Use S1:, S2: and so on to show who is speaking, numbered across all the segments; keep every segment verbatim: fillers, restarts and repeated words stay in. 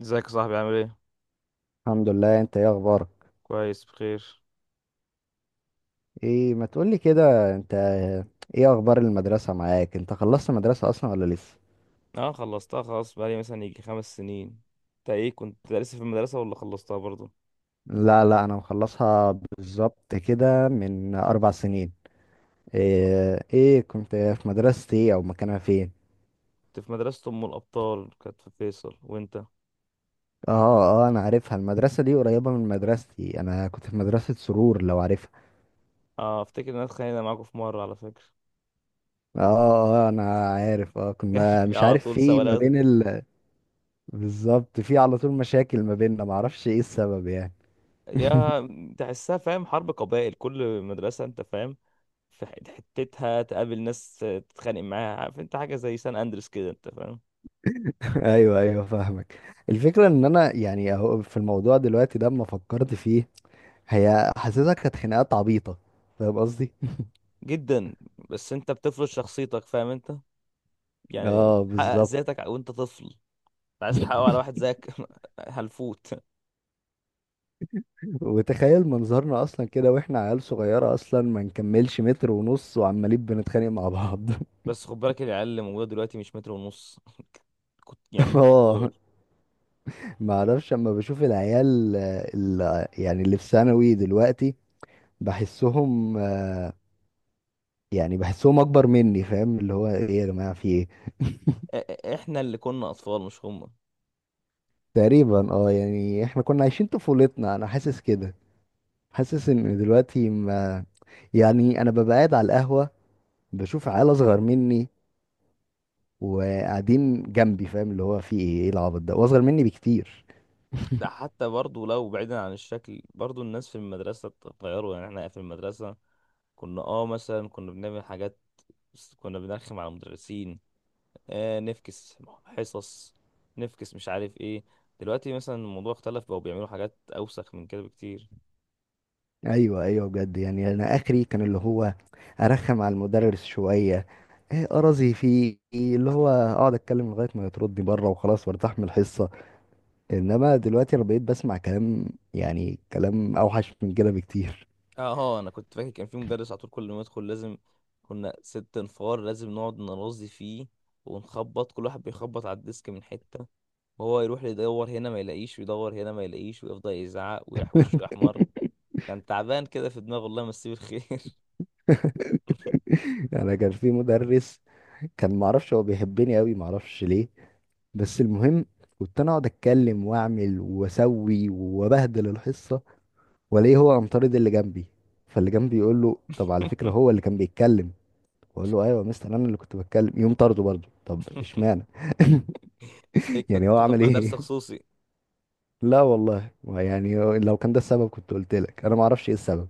S1: ازيك يا صاحبي، عامل ايه؟
S2: الحمد لله، انت ايه اخبارك؟
S1: كويس، بخير.
S2: ايه ما تقولي كده انت. ايه اخبار المدرسة معاك؟ انت خلصت مدرسة اصلا ولا لسه؟
S1: اه، خلصتها خلاص، بقالي مثلا يجي خمس سنين. انت ايه، كنت لسه في المدرسة ولا خلصتها برضو؟
S2: لا لا، انا مخلصها بالظبط كده من اربع سنين. ايه, ايه كنت في مدرستي، ايه او مكانها فين؟
S1: كنت في مدرسة ام الابطال، كانت في فيصل، وانت؟
S2: اه. اه، انا عارفها المدرسة دي، قريبة من مدرستي، انا كنت في مدرسة سرور لو عارفها.
S1: اه، افتكر ان انا اتخانقنا معاكم في مرة على فكرة.
S2: اه اه، آه، انا عارف. اه
S1: كان
S2: كنا
S1: في
S2: مش
S1: على
S2: عارف
S1: طول
S2: في ما
S1: سوالات.
S2: بين ال... بالظبط، في على طول مشاكل ما بيننا، معرفش ايه السبب يعني.
S1: يا تحسها، فاهم، حرب قبائل كل مدرسة، انت فاهم. في ح- حتتها تقابل ناس تتخانق معاها، عارف انت، حاجة زي سان اندرس كده، انت فاهم.
S2: ايوه ايوه، فاهمك. الفكره ان انا يعني اهو في الموضوع دلوقتي ده، اما فكرت فيه هي حاسسها كانت خناقات عبيطه. فاهم قصدي؟
S1: جدا. بس انت بتفرض شخصيتك، فاهم انت، يعني
S2: اه
S1: بتحقق
S2: بالظبط.
S1: ذاتك وانت طفل، عايز تحققه على واحد زيك. هلفوت.
S2: وتخيل منظرنا اصلا كده، واحنا عيال صغيره اصلا ما نكملش متر ونص، وعمالين بنتخانق مع بعض.
S1: بس خد بالك، العيال اللي موجوده دلوقتي مش متر ونص. كنت يعني
S2: اه.
S1: أطفال.
S2: ما اعرفش، اما بشوف العيال آه، ال- يعني اللي في ثانوي دلوقتي، بحسهم آه، يعني بحسهم اكبر مني، فاهم اللي هو ايه يا جماعه، في ايه؟
S1: إ- إ- احنا اللي كنا اطفال، مش هم.
S2: تقريبا. اه يعني احنا كنا عايشين طفولتنا، انا حاسس كده. حاسس ان دلوقتي ما، يعني انا ببقى قاعد على القهوة، بشوف عيال اصغر مني وقاعدين جنبي، فاهم اللي هو في ايه؟ ايه العبط ده؟ واصغر مني بكتير.
S1: ده حتى برضو لو بعيدا عن الشكل، برضو الناس في المدرسه اتغيروا، يعني احنا في المدرسه كنا، اه مثلا كنا بنعمل حاجات، بس كنا بنرخم على المدرسين. آه نفكس حصص، نفكس مش عارف ايه. دلوقتي مثلا الموضوع اختلف، بقوا بيعملوا حاجات اوسخ من كده بكتير.
S2: ايوه ايوه، بجد، يعني انا اخري كان اللي هو ارخم على المدرس شوية. ايه ارازي فيه؟ اللي هو اقعد اتكلم لغاية ما يطردني بره وخلاص وارتاح من الحصة. انما دلوقتي انا بقيت بسمع كلام، يعني كلام اوحش من كده بكتير.
S1: اه، هو انا كنت فاكر كان في مدرس، على طول كل ما يدخل لازم كنا ست انفار لازم نقعد نرازي فيه، ونخبط، كل واحد بيخبط على الديسك من حتة، وهو يروح يدور هنا ما يلاقيش، ويدور هنا ما يلاقيش، ويفضل يزعق ويحوش ويحمر. كان تعبان كده في دماغه، الله يمسيه بالخير.
S2: انا كان في مدرس، كان معرفش هو بيحبني قوي، معرفش ليه. بس المهم، كنت انا اقعد اتكلم واعمل واسوي وابهدل الحصه، والاقيه هو امطارد اللي جنبي. فاللي جنبي يقول له طب على فكره هو اللي كان بيتكلم، اقول له ايوه يا مستر انا اللي كنت بتكلم، يقوم طرده برضه. طب اشمعنى؟
S1: إيه،
S2: يعني
S1: كنت
S2: هو
S1: تاخد
S2: عمل
S1: مع درس
S2: ايه؟
S1: خصوصي؟
S2: لا والله، يعني لو كان ده السبب كنت قلت لك. انا ما اعرفش ايه السبب،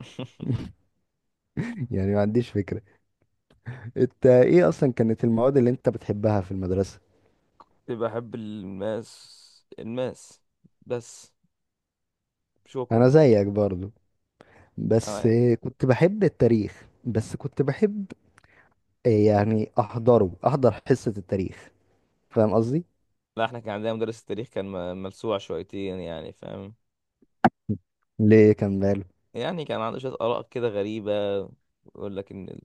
S2: يعني ما عنديش فكره. انت ايه اصلا كانت المواد اللي انت بتحبها في المدرسه؟
S1: كنت بحب الماس، الماس بس. شكرا.
S2: انا زيك برضو. بس
S1: تمام.
S2: كنت بحب التاريخ، بس كنت بحب آه، يعني احضره احضر حصة التاريخ. فاهم قصدي؟
S1: لا، احنا كان عندنا مدرس التاريخ، كان م- ملسوع شويتين يعني، فاهم.
S2: ليه كان باله؟
S1: يعني كان عنده شوية آراء كده غريبة. يقول لك إن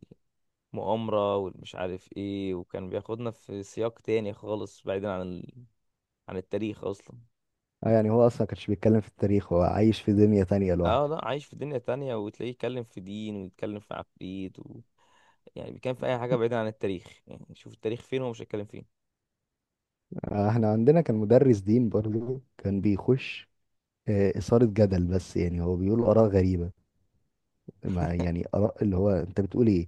S1: المؤامرة والمش عارف إيه، وكان بياخدنا في سياق تاني خالص، بعيدا عن ال... عن التاريخ أصلا.
S2: آه، يعني هو اصلا كانش بيتكلم في التاريخ، هو عايش في دنيا تانية
S1: اه
S2: لوحده.
S1: لا، عايش في دنيا تانية، وتلاقيه يتكلم في دين، ويتكلم في عفريت و... يعني بيتكلم في أي حاجة بعيدا عن التاريخ، يعني شوف التاريخ فين، هو مش هيتكلم فين.
S2: آه، احنا عندنا كان مدرس دين برضو، كان بيخش آه، إثارة جدل، بس يعني هو بيقول آراء غريبة. ما يعني آراء، اللي هو انت بتقول ايه؟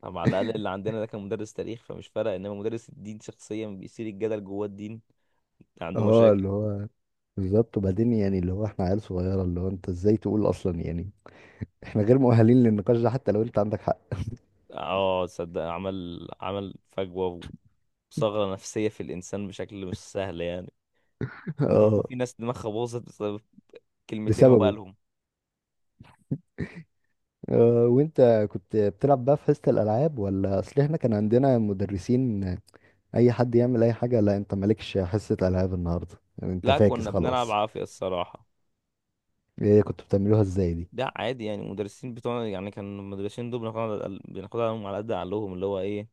S1: طب على الأقل اللي عندنا ده كان مدرس تاريخ، فمش فارق، إنما مدرس الدين شخصيا بيثير الجدل جوه الدين. عنده
S2: اه،
S1: مشاكل.
S2: اللي هو بالظبط. وبعدين يعني، اللي هو احنا عيال صغيرة، اللي هو انت ازاي تقول اصلا؟ يعني احنا غير مؤهلين للنقاش ده، حتى لو انت عندك حق.
S1: اه، تصدق، عمل عمل فجوة وثغرة نفسية في الإنسان بشكل مش سهل يعني. وممكن يكون
S2: اه
S1: في ناس دماغها باظت بسبب كلمتين هو
S2: بسببه.
S1: قالهم.
S2: آه، وانت كنت بتلعب بقى في حصة الالعاب، ولا اصل احنا كان عندنا مدرسين اي حد يعمل اي حاجة؟ لا انت مالكش حصة العاب النهاردة يعني، انت
S1: لا،
S2: فاكس
S1: كنا بنلعب
S2: خلاص.
S1: عافية الصراحة.
S2: ايه كنتوا بتعملوها ازاي دي؟
S1: ده عادي يعني، المدرسين بتوعنا يعني، كان المدرسين دول بناخدها على الأقل- بناخدها عليهم على قد عقلهم، اللي هو ايه،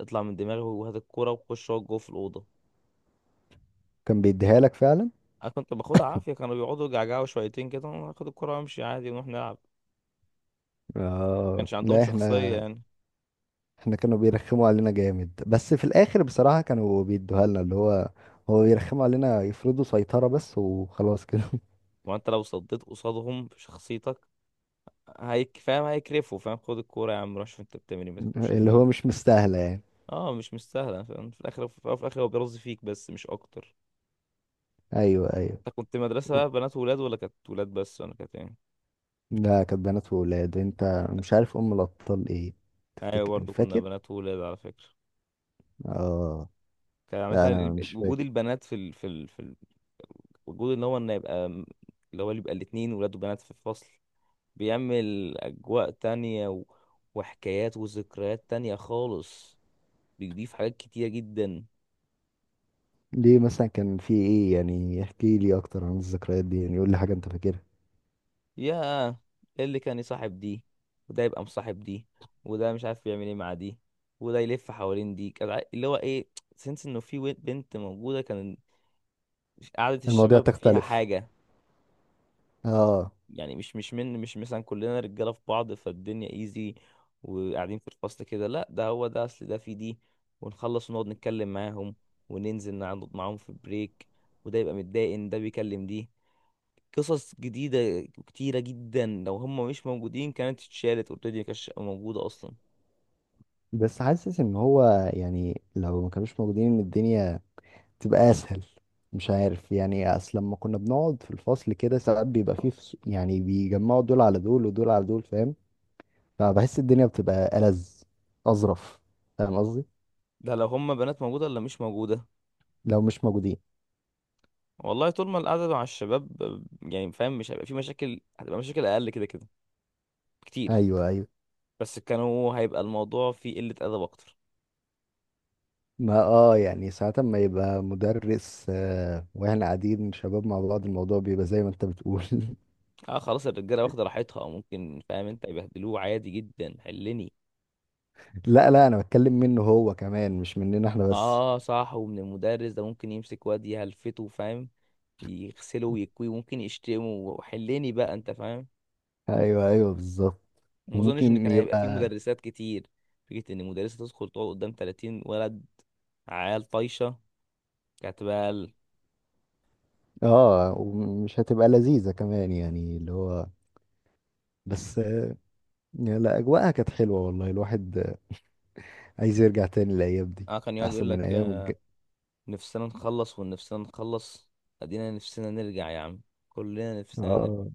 S1: اطلع من دماغي وهات الكورة وخش اقعد جوه في الأوضة.
S2: كان بيديها لك فعلا؟
S1: أنا كنت باخدها عافية، كانوا بيقعدوا يجعجعوا شويتين كده، وأنا آخد الكورة وأمشي عادي، ونروح نلعب.
S2: اه.
S1: كانش عندهم
S2: لا
S1: شخصية
S2: احنا،
S1: يعني.
S2: احنا كانوا بيرخموا علينا جامد، بس في الاخر بصراحة كانوا بيدوها لنا. اللي هو هو بيرخموا علينا يفرضوا سيطرة بس، وخلاص كده.
S1: وأنت لو صديت قصادهم بشخصيتك، هيك، فاهم، هيكرفوا، فاهم، خد الكورة يا عم، روح شوف أنت بتعمل إيه، ما تاكلش
S2: اللي
S1: دماغك.
S2: هو مش مستاهلة يعني.
S1: اه، مش مستاهلة، فاهم، في الآخر، في الآخر هو بيرز فيك بس، مش أكتر.
S2: ايوه ايوه.
S1: انت كنت مدرسة بنات وولاد، ولا كانت ولاد بس، ولا كانت ايه؟
S2: لا كانت بنات وولاد، انت مش عارف ام الابطال ايه؟
S1: ايوه،
S2: تفتكر
S1: برضه كنا
S2: فاكر؟
S1: بنات وولاد على فكرة.
S2: اه.
S1: كان عامة
S2: لا انا
S1: ال-
S2: مش
S1: وجود
S2: فاكر.
S1: البنات في ال... في ال... في ال... وجود ان هو ان يبقى م- اللي هو، اللي يبقى الاتنين ولاد وبنات في الفصل بيعمل اجواء تانية و... وحكايات وذكريات تانية خالص. بيضيف حاجات كتيرة جدا.
S2: ليه مثلا كان في ايه؟ يعني احكي لي اكتر عن الذكريات دي، يعني قول لي حاجه انت فاكرها.
S1: يا اللي كان يصاحب دي، وده يبقى مصاحب دي، وده مش عارف بيعمل ايه مع دي، وده يلف حوالين دي. كان ع- اللي هو ايه، سنس انه في wi- بنت موجودة. كان مش قعدة
S2: المواضيع
S1: الشباب فيها
S2: تختلف.
S1: حاجة.
S2: اه.
S1: يعني مش مش من مش مثلا كلنا رجالة في بعض، فالدنيا ايزي، وقاعدين في الفصل كده. لا، ده هو ده، اصل ده في دي، ونخلص ونقعد نتكلم معاهم، وننزل نقعد معاهم في بريك، وده يبقى متضايق ان ده بيكلم دي. قصص جديدة كتيرة جدا، لو هم مش موجودين كانت اتشالت اوريدي، مكانتش موجودة اصلا.
S2: بس حاسس ان هو يعني، لو ما كانوش موجودين ان الدنيا تبقى اسهل. مش عارف يعني، اصل لما كنا بنقعد في الفصل كده، ساعات بيبقى فيه فص- يعني بيجمعوا دول على دول ودول على دول، فاهم؟ فبحس الدنيا بتبقى ألذ، اظرف، فاهم قصدي؟
S1: ده لو هم بنات موجودة ولا مش موجودة.
S2: لو مش موجودين.
S1: والله طول ما القعدة مع الشباب، يعني فاهم، مش هيبقى في مشاكل، هتبقى مشاكل اقل كده كده كتير.
S2: ايوه ايوه.
S1: بس كانوا هيبقى الموضوع فيه قلة أدب أكتر.
S2: ما اه يعني ساعات ما يبقى مدرس آه، واحنا قاعدين شباب مع بعض، الموضوع بيبقى زي ما انت بتقول.
S1: اه خلاص، الرجالة واخدة راحتها ممكن، فاهم انت، يبهدلوه عادي جدا، حلني.
S2: لا لا، انا بتكلم منه هو كمان، مش مننا احنا بس.
S1: اه صح، ومن المدرس ده ممكن يمسك واد يهلفته، فاهم، يغسله ويكويه، ممكن يشتمه وحلني بقى انت، فاهم.
S2: ايوه ايوه، بالظبط.
S1: ما اظنش ان
S2: وممكن
S1: كان هيبقى فيه
S2: يبقى.
S1: مدرسات كتير. فكرة ان مدرسة تدخل تقعد قدام ثلاثين ولد، عيال طايشة، كانت بقى ال-.
S2: اه، ومش هتبقى لذيذة كمان، يعني اللي هو، بس آه، لا، اجواءها كانت حلوة والله، الواحد آه، عايز يرجع تاني الايام دي.
S1: اه، كان يقعد
S2: احسن
S1: يقول
S2: من
S1: لك،
S2: ايام
S1: آه،
S2: الج...
S1: نفسنا نخلص، ونفسنا نخلص، ادينا نفسنا نرجع يا عم، كلنا نفسنا نرجع.
S2: اه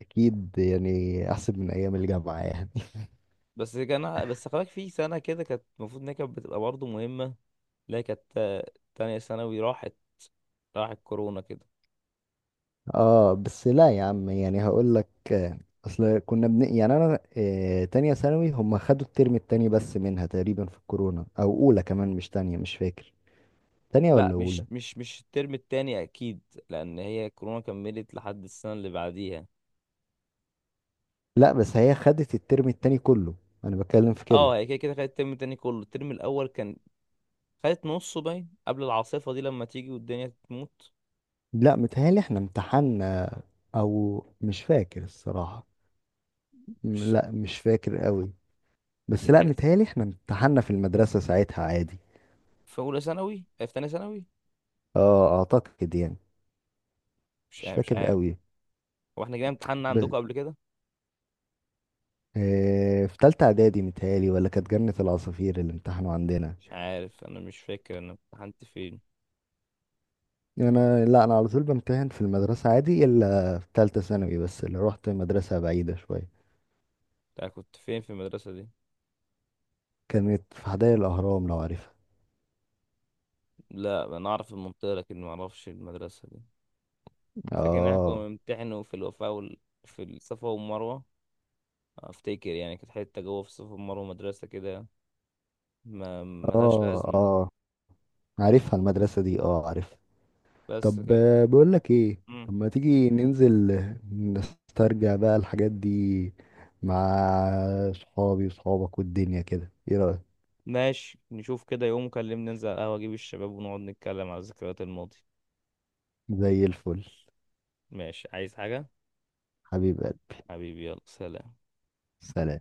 S2: اكيد، يعني احسن من ايام الجامعة يعني.
S1: بس كان، بس خلاك في سنة كده كانت المفروض إن هي كانت بتبقى برضه مهمة. لا، كانت، آه، تانية ثانوي راحت، راحت كورونا كده.
S2: اه بس لا يا عم، يعني هقول لك آه، اصل كنا بن... يعني انا آه، تانية ثانوي، هم خدوا الترم التاني بس منها تقريبا في الكورونا، او اولى كمان، مش تانية، مش فاكر. تانية
S1: لا،
S2: ولا
S1: مش
S2: اولى؟
S1: مش مش الترم التاني أكيد، لأن هي كورونا كملت لحد السنة اللي بعديها.
S2: لا بس هي خدت الترم التاني كله، انا بتكلم في كده.
S1: اه، هي كده كده خدت الترم التاني كله. الترم الأول كان خدت نصه باين قبل العاصفة دي، لما تيجي والدنيا تموت.
S2: لا متهيألي احنا امتحنا، او مش فاكر الصراحة. م-
S1: مش
S2: لا مش فاكر قوي. بس لا
S1: تحس
S2: متهيألي احنا امتحنا في المدرسة ساعتها عادي.
S1: في أولى ثانوي آه، في تانية ثانوي؟
S2: اه اعتقد يعني.
S1: مش
S2: مش
S1: عارف مش
S2: فاكر
S1: عارف
S2: قوي.
S1: هو احنا جينا امتحان عندكم قبل كده؟
S2: إيه، في تالتة إعدادي متهيألي، ولا كانت جنة العصافير اللي امتحنوا عندنا؟
S1: مش عارف، أنا مش فاكر أنا امتحنت فين.
S2: أنا، لا أنا على طول بمتحن في المدرسة عادي، إلا في تالتة ثانوي بس اللي روحت مدرسة بعيدة شوية.
S1: أنا كنت فين في المدرسة دي؟
S2: كانت في حدائق الأهرام لو عارفها.
S1: لا، انا اعرف المنطقه لكن ما اعرفش المدرسه دي. أنا فاكر ان احنا كنا
S2: آه
S1: بنمتحنوا في الوفاء وال... في الصفا والمروه. افتكر يعني كانت حته جوه في الصفا والمروه مدرسه كده، ما ملهاش
S2: آه،
S1: لازمه.
S2: آه عارفها المدرسة دي، آه عارفها.
S1: بس
S2: طب
S1: كانت.
S2: آه، بقولك إيه،
S1: مم.
S2: طب ما تيجي ننزل آه، نسترجع بقى الحاجات دي مع صحابي وصحابك والدنيا كده، إيه رأيك؟
S1: ماشي، نشوف كده، يوم كلمني ننزل على القهوه، اجيب الشباب ونقعد نتكلم على ذكريات الماضي.
S2: زي الفل.
S1: ماشي، عايز حاجه؟
S2: حبيب قلبي.
S1: حبيبي، يلا سلام.
S2: سلام.